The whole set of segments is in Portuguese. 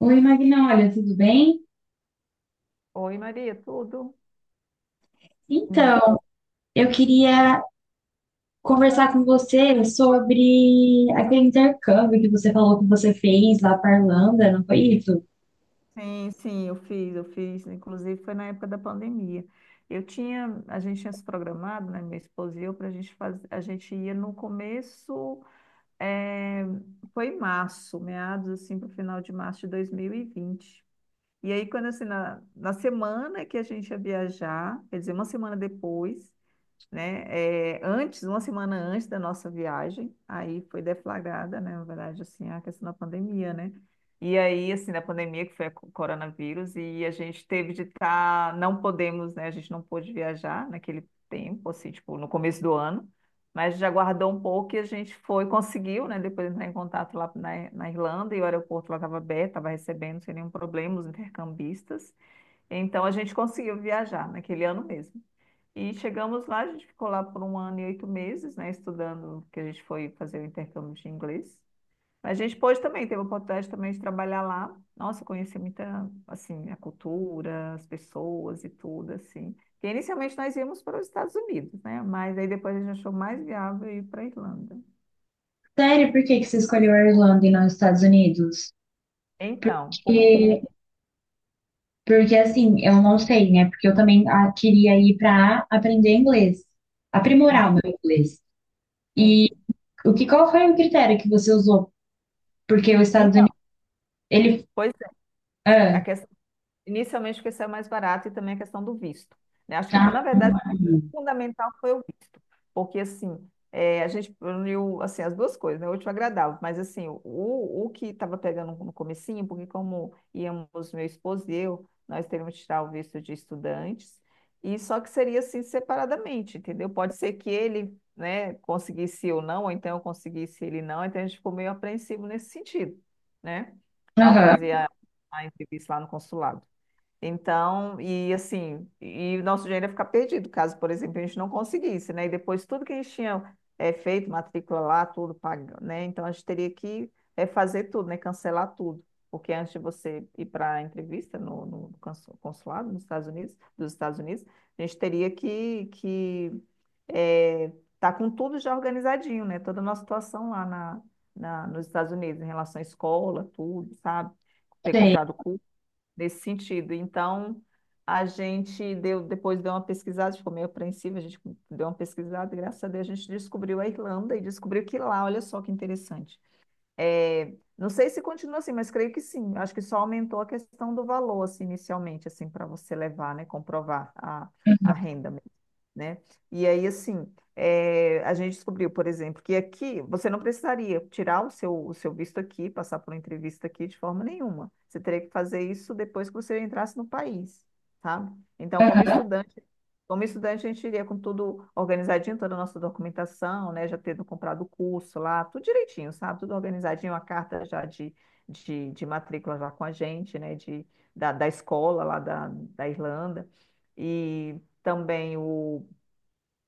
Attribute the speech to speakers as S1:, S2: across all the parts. S1: Oi, Magna, olha, tudo bem?
S2: Oi, Maria, tudo? Hum.
S1: Então, eu queria conversar com você sobre aquele intercâmbio que você falou que você fez lá para a Irlanda, não foi isso?
S2: Sim, sim, eu fiz, inclusive foi na época da pandemia. A gente tinha se programado, né, minha esposa e eu, para a gente fazer. A gente ia no começo, eh, foi em março, meados assim, para o final de março de 2020. E vinte. E aí, quando assim, na semana que a gente ia viajar, quer dizer, uma semana depois, né? É, antes, uma semana antes da nossa viagem, aí foi deflagrada, né? Na verdade, assim, a questão da pandemia, né? E aí, assim, da pandemia, que foi a coronavírus, e a gente teve de estar, não podemos, né? A gente não pôde viajar naquele tempo, assim, tipo, no começo do ano, mas já guardou um pouco e a gente foi, conseguiu, né? Depois entrar em contato lá na Irlanda, e o aeroporto lá estava aberto, estava recebendo sem nenhum problema os intercambistas. Então, a gente conseguiu viajar naquele ano mesmo. E chegamos lá, a gente ficou lá por um ano e 8 meses, né, estudando, que a gente foi fazer o intercâmbio de inglês. Mas a gente pôde também, teve a oportunidade também de trabalhar lá. Nossa, conheci muita, assim, a cultura, as pessoas e tudo, assim. Porque inicialmente nós íamos para os Estados Unidos, né? Mas aí depois a gente achou mais viável ir para a Irlanda.
S1: Sério, por que que você escolheu a Irlanda e não os Estados Unidos?
S2: Então, porque...
S1: Porque, porque assim, eu não sei, né? Porque eu também queria ir para aprender inglês, aprimorar
S2: Uhum,
S1: o meu inglês. E
S2: sim.
S1: o que, qual foi o critério que você usou? Porque os Estados
S2: Então,
S1: Unidos, ele...
S2: pois é,
S1: Ah,
S2: a questão, inicialmente porque saiu mais barato, e também a questão do visto. Né? Acho que, na
S1: tá.
S2: verdade, fundamental foi o visto, porque assim, é, a gente uniu assim as duas coisas, né? O último agradável, mas assim, o que estava pegando no comecinho, porque como íamos meu esposo e eu, nós teríamos que tirar o visto de estudantes, e só que seria assim separadamente, entendeu? Pode ser que ele, né, conseguisse eu não, ou então eu conseguisse ele não, então a gente ficou meio apreensivo nesse sentido, né? Ao
S1: Aham,
S2: fazer a entrevista lá no consulado. Então, e assim, e o nosso dinheiro ia ficar perdido, caso, por exemplo, a gente não conseguisse, né? E depois tudo que a gente tinha feito, matrícula lá, tudo pago, né? Então a gente teria que fazer tudo, né? Cancelar tudo. Porque antes de você ir para a entrevista no, no consu- consulado nos Estados Unidos, dos Estados Unidos, a gente teria que eh, tá com tudo já organizadinho, né? Toda a nossa situação lá nos Estados Unidos, em relação à escola, tudo, sabe? Ter
S1: sei.
S2: comprado nesse sentido. Então, a gente deu, depois deu uma pesquisada, a gente ficou meio apreensiva, a gente deu uma pesquisada, e graças a Deus a gente descobriu a Irlanda e descobriu que lá, olha só que interessante. É, não sei se continua assim, mas creio que sim. Acho que só aumentou a questão do valor, assim, inicialmente, assim, para você levar, né, comprovar a renda, né? E aí, assim, a gente descobriu, por exemplo, que aqui você não precisaria tirar o seu visto aqui, passar por uma entrevista aqui de forma nenhuma. Você teria que fazer isso depois que você entrasse no país, tá? Então,
S1: Aham.
S2: como estudante, a gente iria com tudo organizadinho, toda a nossa documentação, né? Já tendo comprado o curso lá, tudo direitinho, sabe? Tudo organizadinho, a carta já de, de matrícula já com a gente, né? De, da escola lá da Irlanda. E também o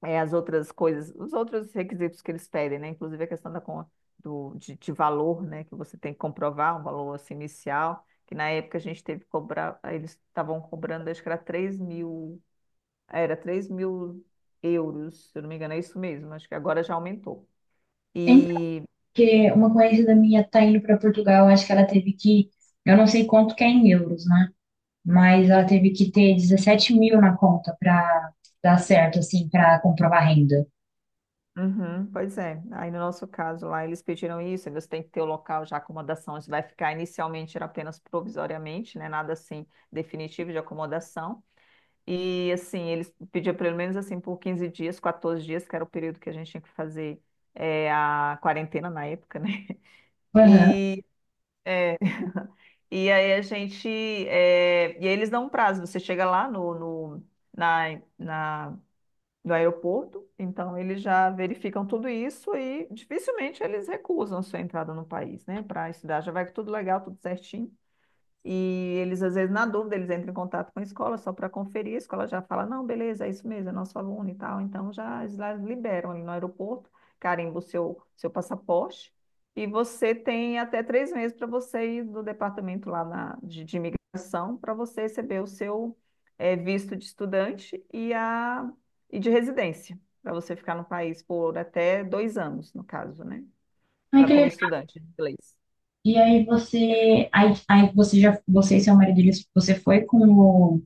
S2: é, as outras coisas, os outros requisitos que eles pedem, né? Inclusive a questão da, con- do, de valor, né? Que você tem que comprovar um valor assim, inicial, que na época a gente teve que cobrar, aí eles estavam cobrando, acho que era 3.000 euros, se eu não me engano, é isso mesmo, acho que agora já aumentou.
S1: Então,
S2: E,
S1: porque uma conhecida minha tá indo para Portugal, acho que ela teve que, eu não sei quanto que é em euros, né? Mas ela teve que ter 17 mil na conta para dar certo, assim, para comprovar a renda.
S2: uhum, pois é, aí no nosso caso lá eles pediram isso, aí você tem que ter o local já, a acomodação, isso vai ficar inicialmente era apenas provisoriamente, né? Nada assim definitivo de acomodação. E assim, eles pediam pelo menos assim por 15 dias, 14 dias, que era o período que a gente tinha que fazer a quarentena na época, né?
S1: Aham.
S2: E, e aí a gente. Eh, E aí eles dão um prazo, você chega lá na, na- no aeroporto, então eles já verificam tudo isso e dificilmente eles recusam a sua entrada no país, né? Para estudar, já vai tudo legal, tudo certinho. E eles, às vezes, na dúvida, eles entram em contato com a escola só para conferir. A escola já fala: não, beleza, é isso mesmo, é nosso aluno e tal. Então, já eles lá liberam ali no aeroporto, carimba o seu, seu passaporte. E você tem até 3 meses para você ir do departamento lá na, de imigração para você receber o seu visto de estudante e, e de residência, para você ficar no país por até 2 anos, no caso, né?
S1: Ai,
S2: Para
S1: que
S2: como
S1: legal.
S2: estudante de inglês.
S1: E aí você, aí você já, você e seu marido, eles- você foi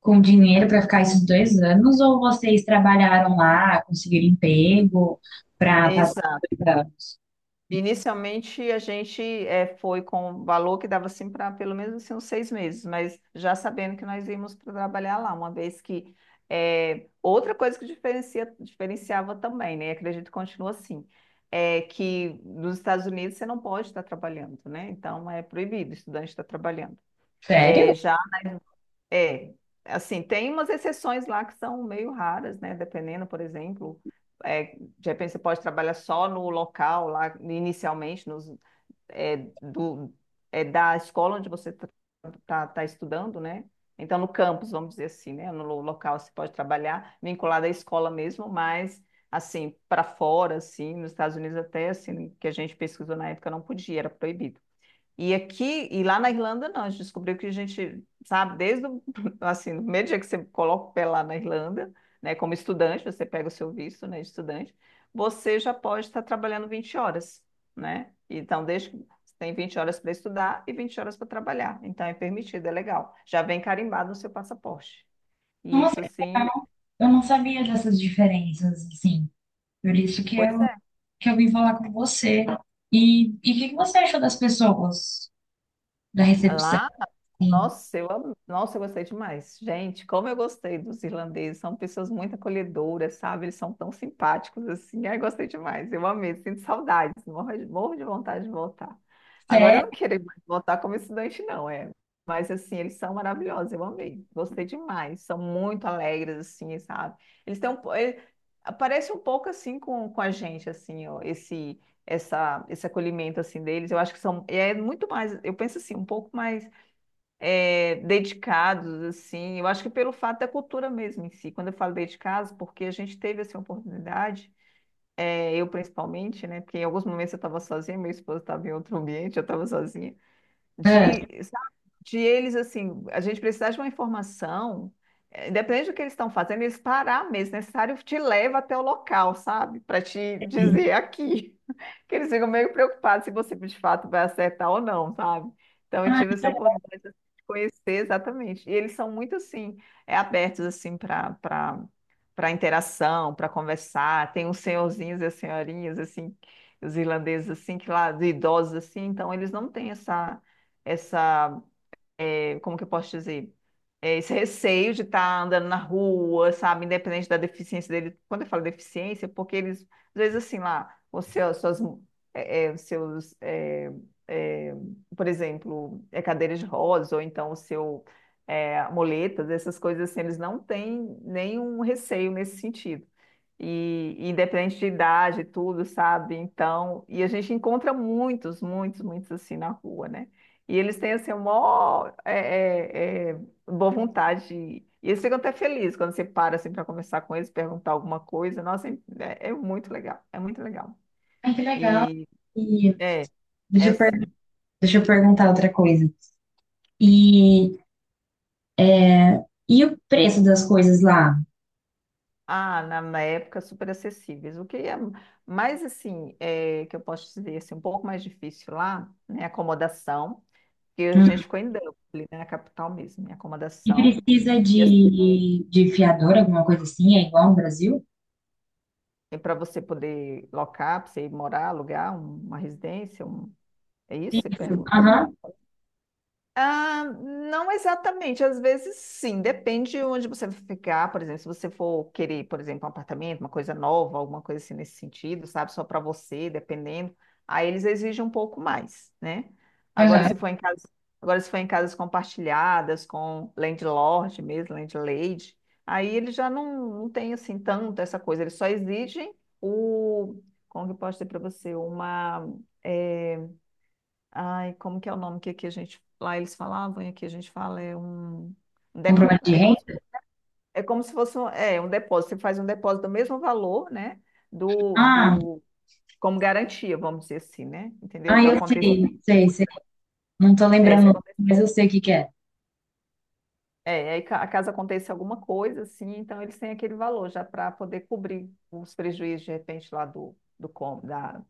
S1: com o dinheiro para ficar esses 2 anos ou vocês trabalharam lá, conseguiram emprego para
S2: Ex-
S1: passar 2 anos?
S2: Inicialmente a gente foi com o valor que dava assim para pelo menos assim, uns 6 meses, mas já sabendo que nós íamos para trabalhar lá, uma vez que outra coisa que diferencia, diferenciava também, né? Acredito que continua assim, é que nos Estados Unidos você não pode estar trabalhando, né? Então é proibido o estudante estar trabalhando.
S1: Sério?
S2: É, já é assim, tem umas exceções lá que são meio raras, né? Dependendo, por exemplo é, de repente você pode trabalhar só no local lá inicialmente, nos, é, do, é, da escola onde você tá estudando, né? Então, no campus, vamos dizer assim, né? No local você pode trabalhar, vinculado à escola mesmo, mas assim, para fora, assim, nos Estados Unidos até, assim, que a gente pesquisou na época, não podia, era proibido. E aqui, e lá na Irlanda, não, a gente descobriu que a gente, sabe, desde o, assim, no primeiro dia que você coloca o pé lá na Irlanda, né, como estudante, você pega o seu visto, né, de estudante, você já pode estar trabalhando 20 horas, né? Então, desde que você tem 20 horas para estudar e 20 horas para trabalhar. Então, é permitido, é legal. Já vem carimbado no seu passaporte. E
S1: Nossa,
S2: isso,
S1: que
S2: assim,
S1: legal. Eu não sabia dessas diferenças, assim. Por isso
S2: pois é.
S1: que eu vim falar com você. E o que que você achou das pessoas da recepção?
S2: Lá
S1: Assim,
S2: Nossa, eu amo. Nossa, eu gostei demais. Gente, como eu gostei dos irlandeses. São pessoas muito acolhedoras, sabe? Eles são tão simpáticos assim. Ai, gostei demais. Eu amei. Sinto saudades. Morro de vontade de voltar. Agora eu
S1: sério?
S2: não quero mais voltar como estudante, não, é. Mas assim, eles são maravilhosos. Eu amei. Gostei demais. São muito alegres, assim, sabe? Eles têm parece um pouco assim com a gente, assim, ó, esse acolhimento assim deles. Eu acho que são. É muito mais. Eu penso assim, um pouco mais dedicados, assim. Eu acho que pelo fato da cultura mesmo em si. Quando eu falo dedicados, porque a gente teve essa oportunidade, é, eu principalmente, né? Porque em alguns momentos eu estava sozinha, meu esposo estava em outro ambiente, eu estava sozinha
S1: Ah,
S2: de, sabe, de eles, assim, a gente precisar de uma informação, independente do que eles estão fazendo, eles parar mesmo, se necessário, te leva até o local, sabe? Para te dizer aqui. Que eles ficam meio preocupados se você de fato vai acertar ou não, sabe? Então eu tive essa oportunidade assim, de conhecer exatamente. E eles são muito assim, é, abertos assim para interação, para conversar. Tem os senhorzinhos e as senhorinhas assim, os irlandeses assim, que lá, de idosos assim, então eles não têm essa essa, como que eu posso dizer? Esse receio de estar andando na rua, sabe? Independente da deficiência dele. Quando eu falo deficiência, é porque eles, às vezes, assim, lá, os seus, suas, eh, eh, os seus, eh, eh, por exemplo, é cadeira de rodas, ou então muletas, essas coisas assim, eles não têm nenhum receio nesse sentido. E independente de idade, e tudo, sabe? Então, e a gente encontra muitos, muitos, muitos assim na rua, né? E eles têm assim, uma é, é, é, boa vontade. E eles ficam até felizes quando você para assim, para conversar com eles, perguntar alguma coisa. Nossa, é, é muito legal, é muito legal.
S1: ah, que legal.
S2: E
S1: E
S2: é,
S1: deixa
S2: é
S1: eu, per-
S2: sim.
S1: deixa eu perguntar outra coisa. E, e o preço das coisas lá?
S2: Ah, na época super acessíveis. O que é mais assim, é, que eu posso dizer assim, um pouco mais difícil lá, né? Acomodação, que a
S1: Hum.
S2: gente ficou em Dublin, né, na capital mesmo, né,
S1: E
S2: acomodação.
S1: precisa
S2: Porque assim,
S1: de fiador, alguma coisa assim? É igual no Brasil?
S2: para você poder locar, para você ir morar, alugar uma residência, um. É isso que você pergunta?
S1: Aham.
S2: Ah, não exatamente, às vezes sim, depende de onde você vai ficar, por exemplo, se você for querer, por exemplo, um apartamento, uma coisa nova, alguma coisa assim nesse sentido, sabe, só para você, dependendo, aí eles exigem um pouco mais, né? Agora
S1: Aham.
S2: se for em casa, agora se for em casas compartilhadas com landlord mesmo, landlady, aí eles já não, não tem assim tanto essa coisa, eles só exigem o, como que eu posso dizer para você, eh, Ai, como que é o nome que aqui a gente. Lá eles falavam e aqui a gente fala é um. um dep-
S1: Comprovante de
S2: É como, se-
S1: renda?
S2: É como se fosse um, é, um depósito. Você faz um depósito do mesmo valor, né? Do,
S1: Ah,
S2: do, como garantia, vamos dizer assim, né? Entendeu?
S1: ah,
S2: Que
S1: eu
S2: acontece.
S1: sei, sei, sei. Não tô
S2: Se
S1: lembrando,
S2: acontecer,
S1: mas eu sei o que que é.
S2: aí caso aconteça alguma coisa, assim, então eles têm aquele valor já para poder cobrir os prejuízos, de repente, lá do, do, com- da,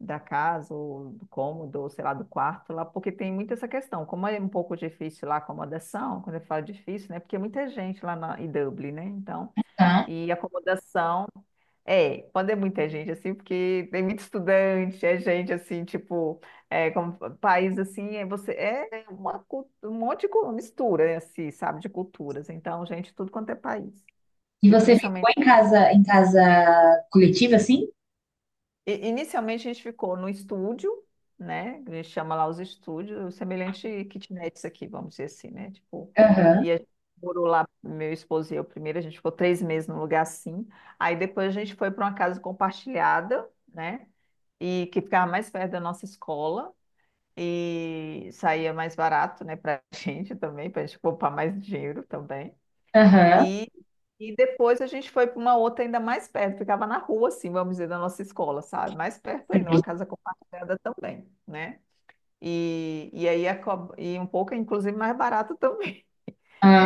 S2: da casa, ou do cômodo, ou sei lá, do quarto lá, porque tem muito essa questão. Como é um pouco difícil lá a acomodação, quando eu falo difícil, né? Porque é muita gente lá na, em Dublin, né? Então,
S1: Tá.
S2: e acomodação. É, quando é muita gente, assim, porque tem muito estudante, é gente, assim, tipo, é, como país, assim, é você, é uma, um monte de mistura, né, assim, sabe, de culturas. Então, gente, tudo quanto é país.
S1: E
S2: E
S1: você ficou
S2: principalmente.
S1: em casa coletiva, assim?
S2: Inicialmente a gente ficou no estúdio, né? A gente chama lá os estúdios, semelhante kitnets aqui, vamos dizer assim, né? Tipo,
S1: Aham,
S2: e a gente morou lá, meu esposo e eu primeiro, a gente ficou 3 meses num lugar assim. Aí depois a gente foi para uma casa compartilhada, né? E que ficava mais perto da nossa escola e saía mais barato, né, para a gente também, para a gente poupar mais dinheiro também.
S1: aham.
S2: E, e depois a gente foi para uma outra ainda mais perto, ficava na rua, assim, vamos dizer, da nossa escola, sabe? Mais perto ainda, uma casa compartilhada também, né? E aí, e um pouco, inclusive, mais barato.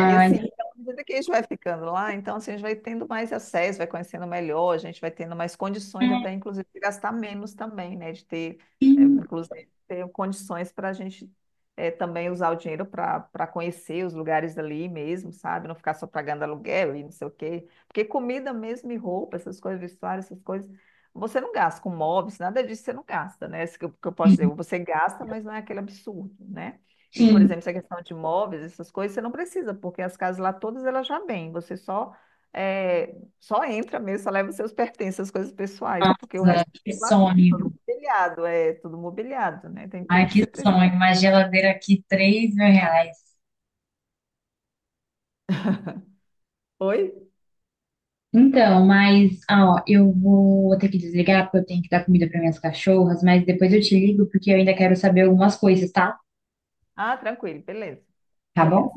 S2: E assim,
S1: entendi.
S2: então, à medida que a gente vai ficando lá, então assim, a gente vai tendo mais acesso, vai conhecendo melhor, a gente vai tendo mais condições de até, inclusive, de gastar menos também, né? De ter, inclusive, ter condições para a gente também usar o dinheiro para conhecer os lugares ali mesmo, sabe? Não ficar só pagando aluguel e não sei o quê. Porque comida mesmo e roupa, essas coisas, vestuário, essas coisas, você não gasta com móveis, nada disso você não gasta, né? Isso que eu posso dizer, você gasta, mas não é aquele absurdo, né? E, por
S1: Sim,
S2: exemplo, essa questão de móveis, essas coisas, você não precisa, porque as casas lá todas elas já vêm. Você só é, só entra mesmo, só leva os seus pertences, as coisas pessoais, porque o resto é
S1: que
S2: tudo lá dentro, todo
S1: sonho.
S2: mobiliado, é tudo mobiliado, né? Tem
S1: Ai,
S2: tudo que você
S1: que
S2: precisa.
S1: sonho. Uma geladeira aqui, R$ 3.000.
S2: Oi?
S1: Então, mas, ó, eu vou ter que desligar porque eu tenho que dar comida para minhas cachorras, mas depois eu te ligo porque eu ainda quero saber algumas coisas, tá?
S2: Ah, tranquilo, beleza.
S1: Tá bom?
S2: Beleza.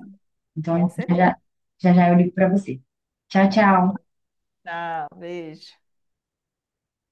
S1: Então,
S2: Com
S1: já
S2: certeza.
S1: já, já eu ligo para você. Tchau,
S2: Tá
S1: tchau.
S2: bom. Tchau, beijo.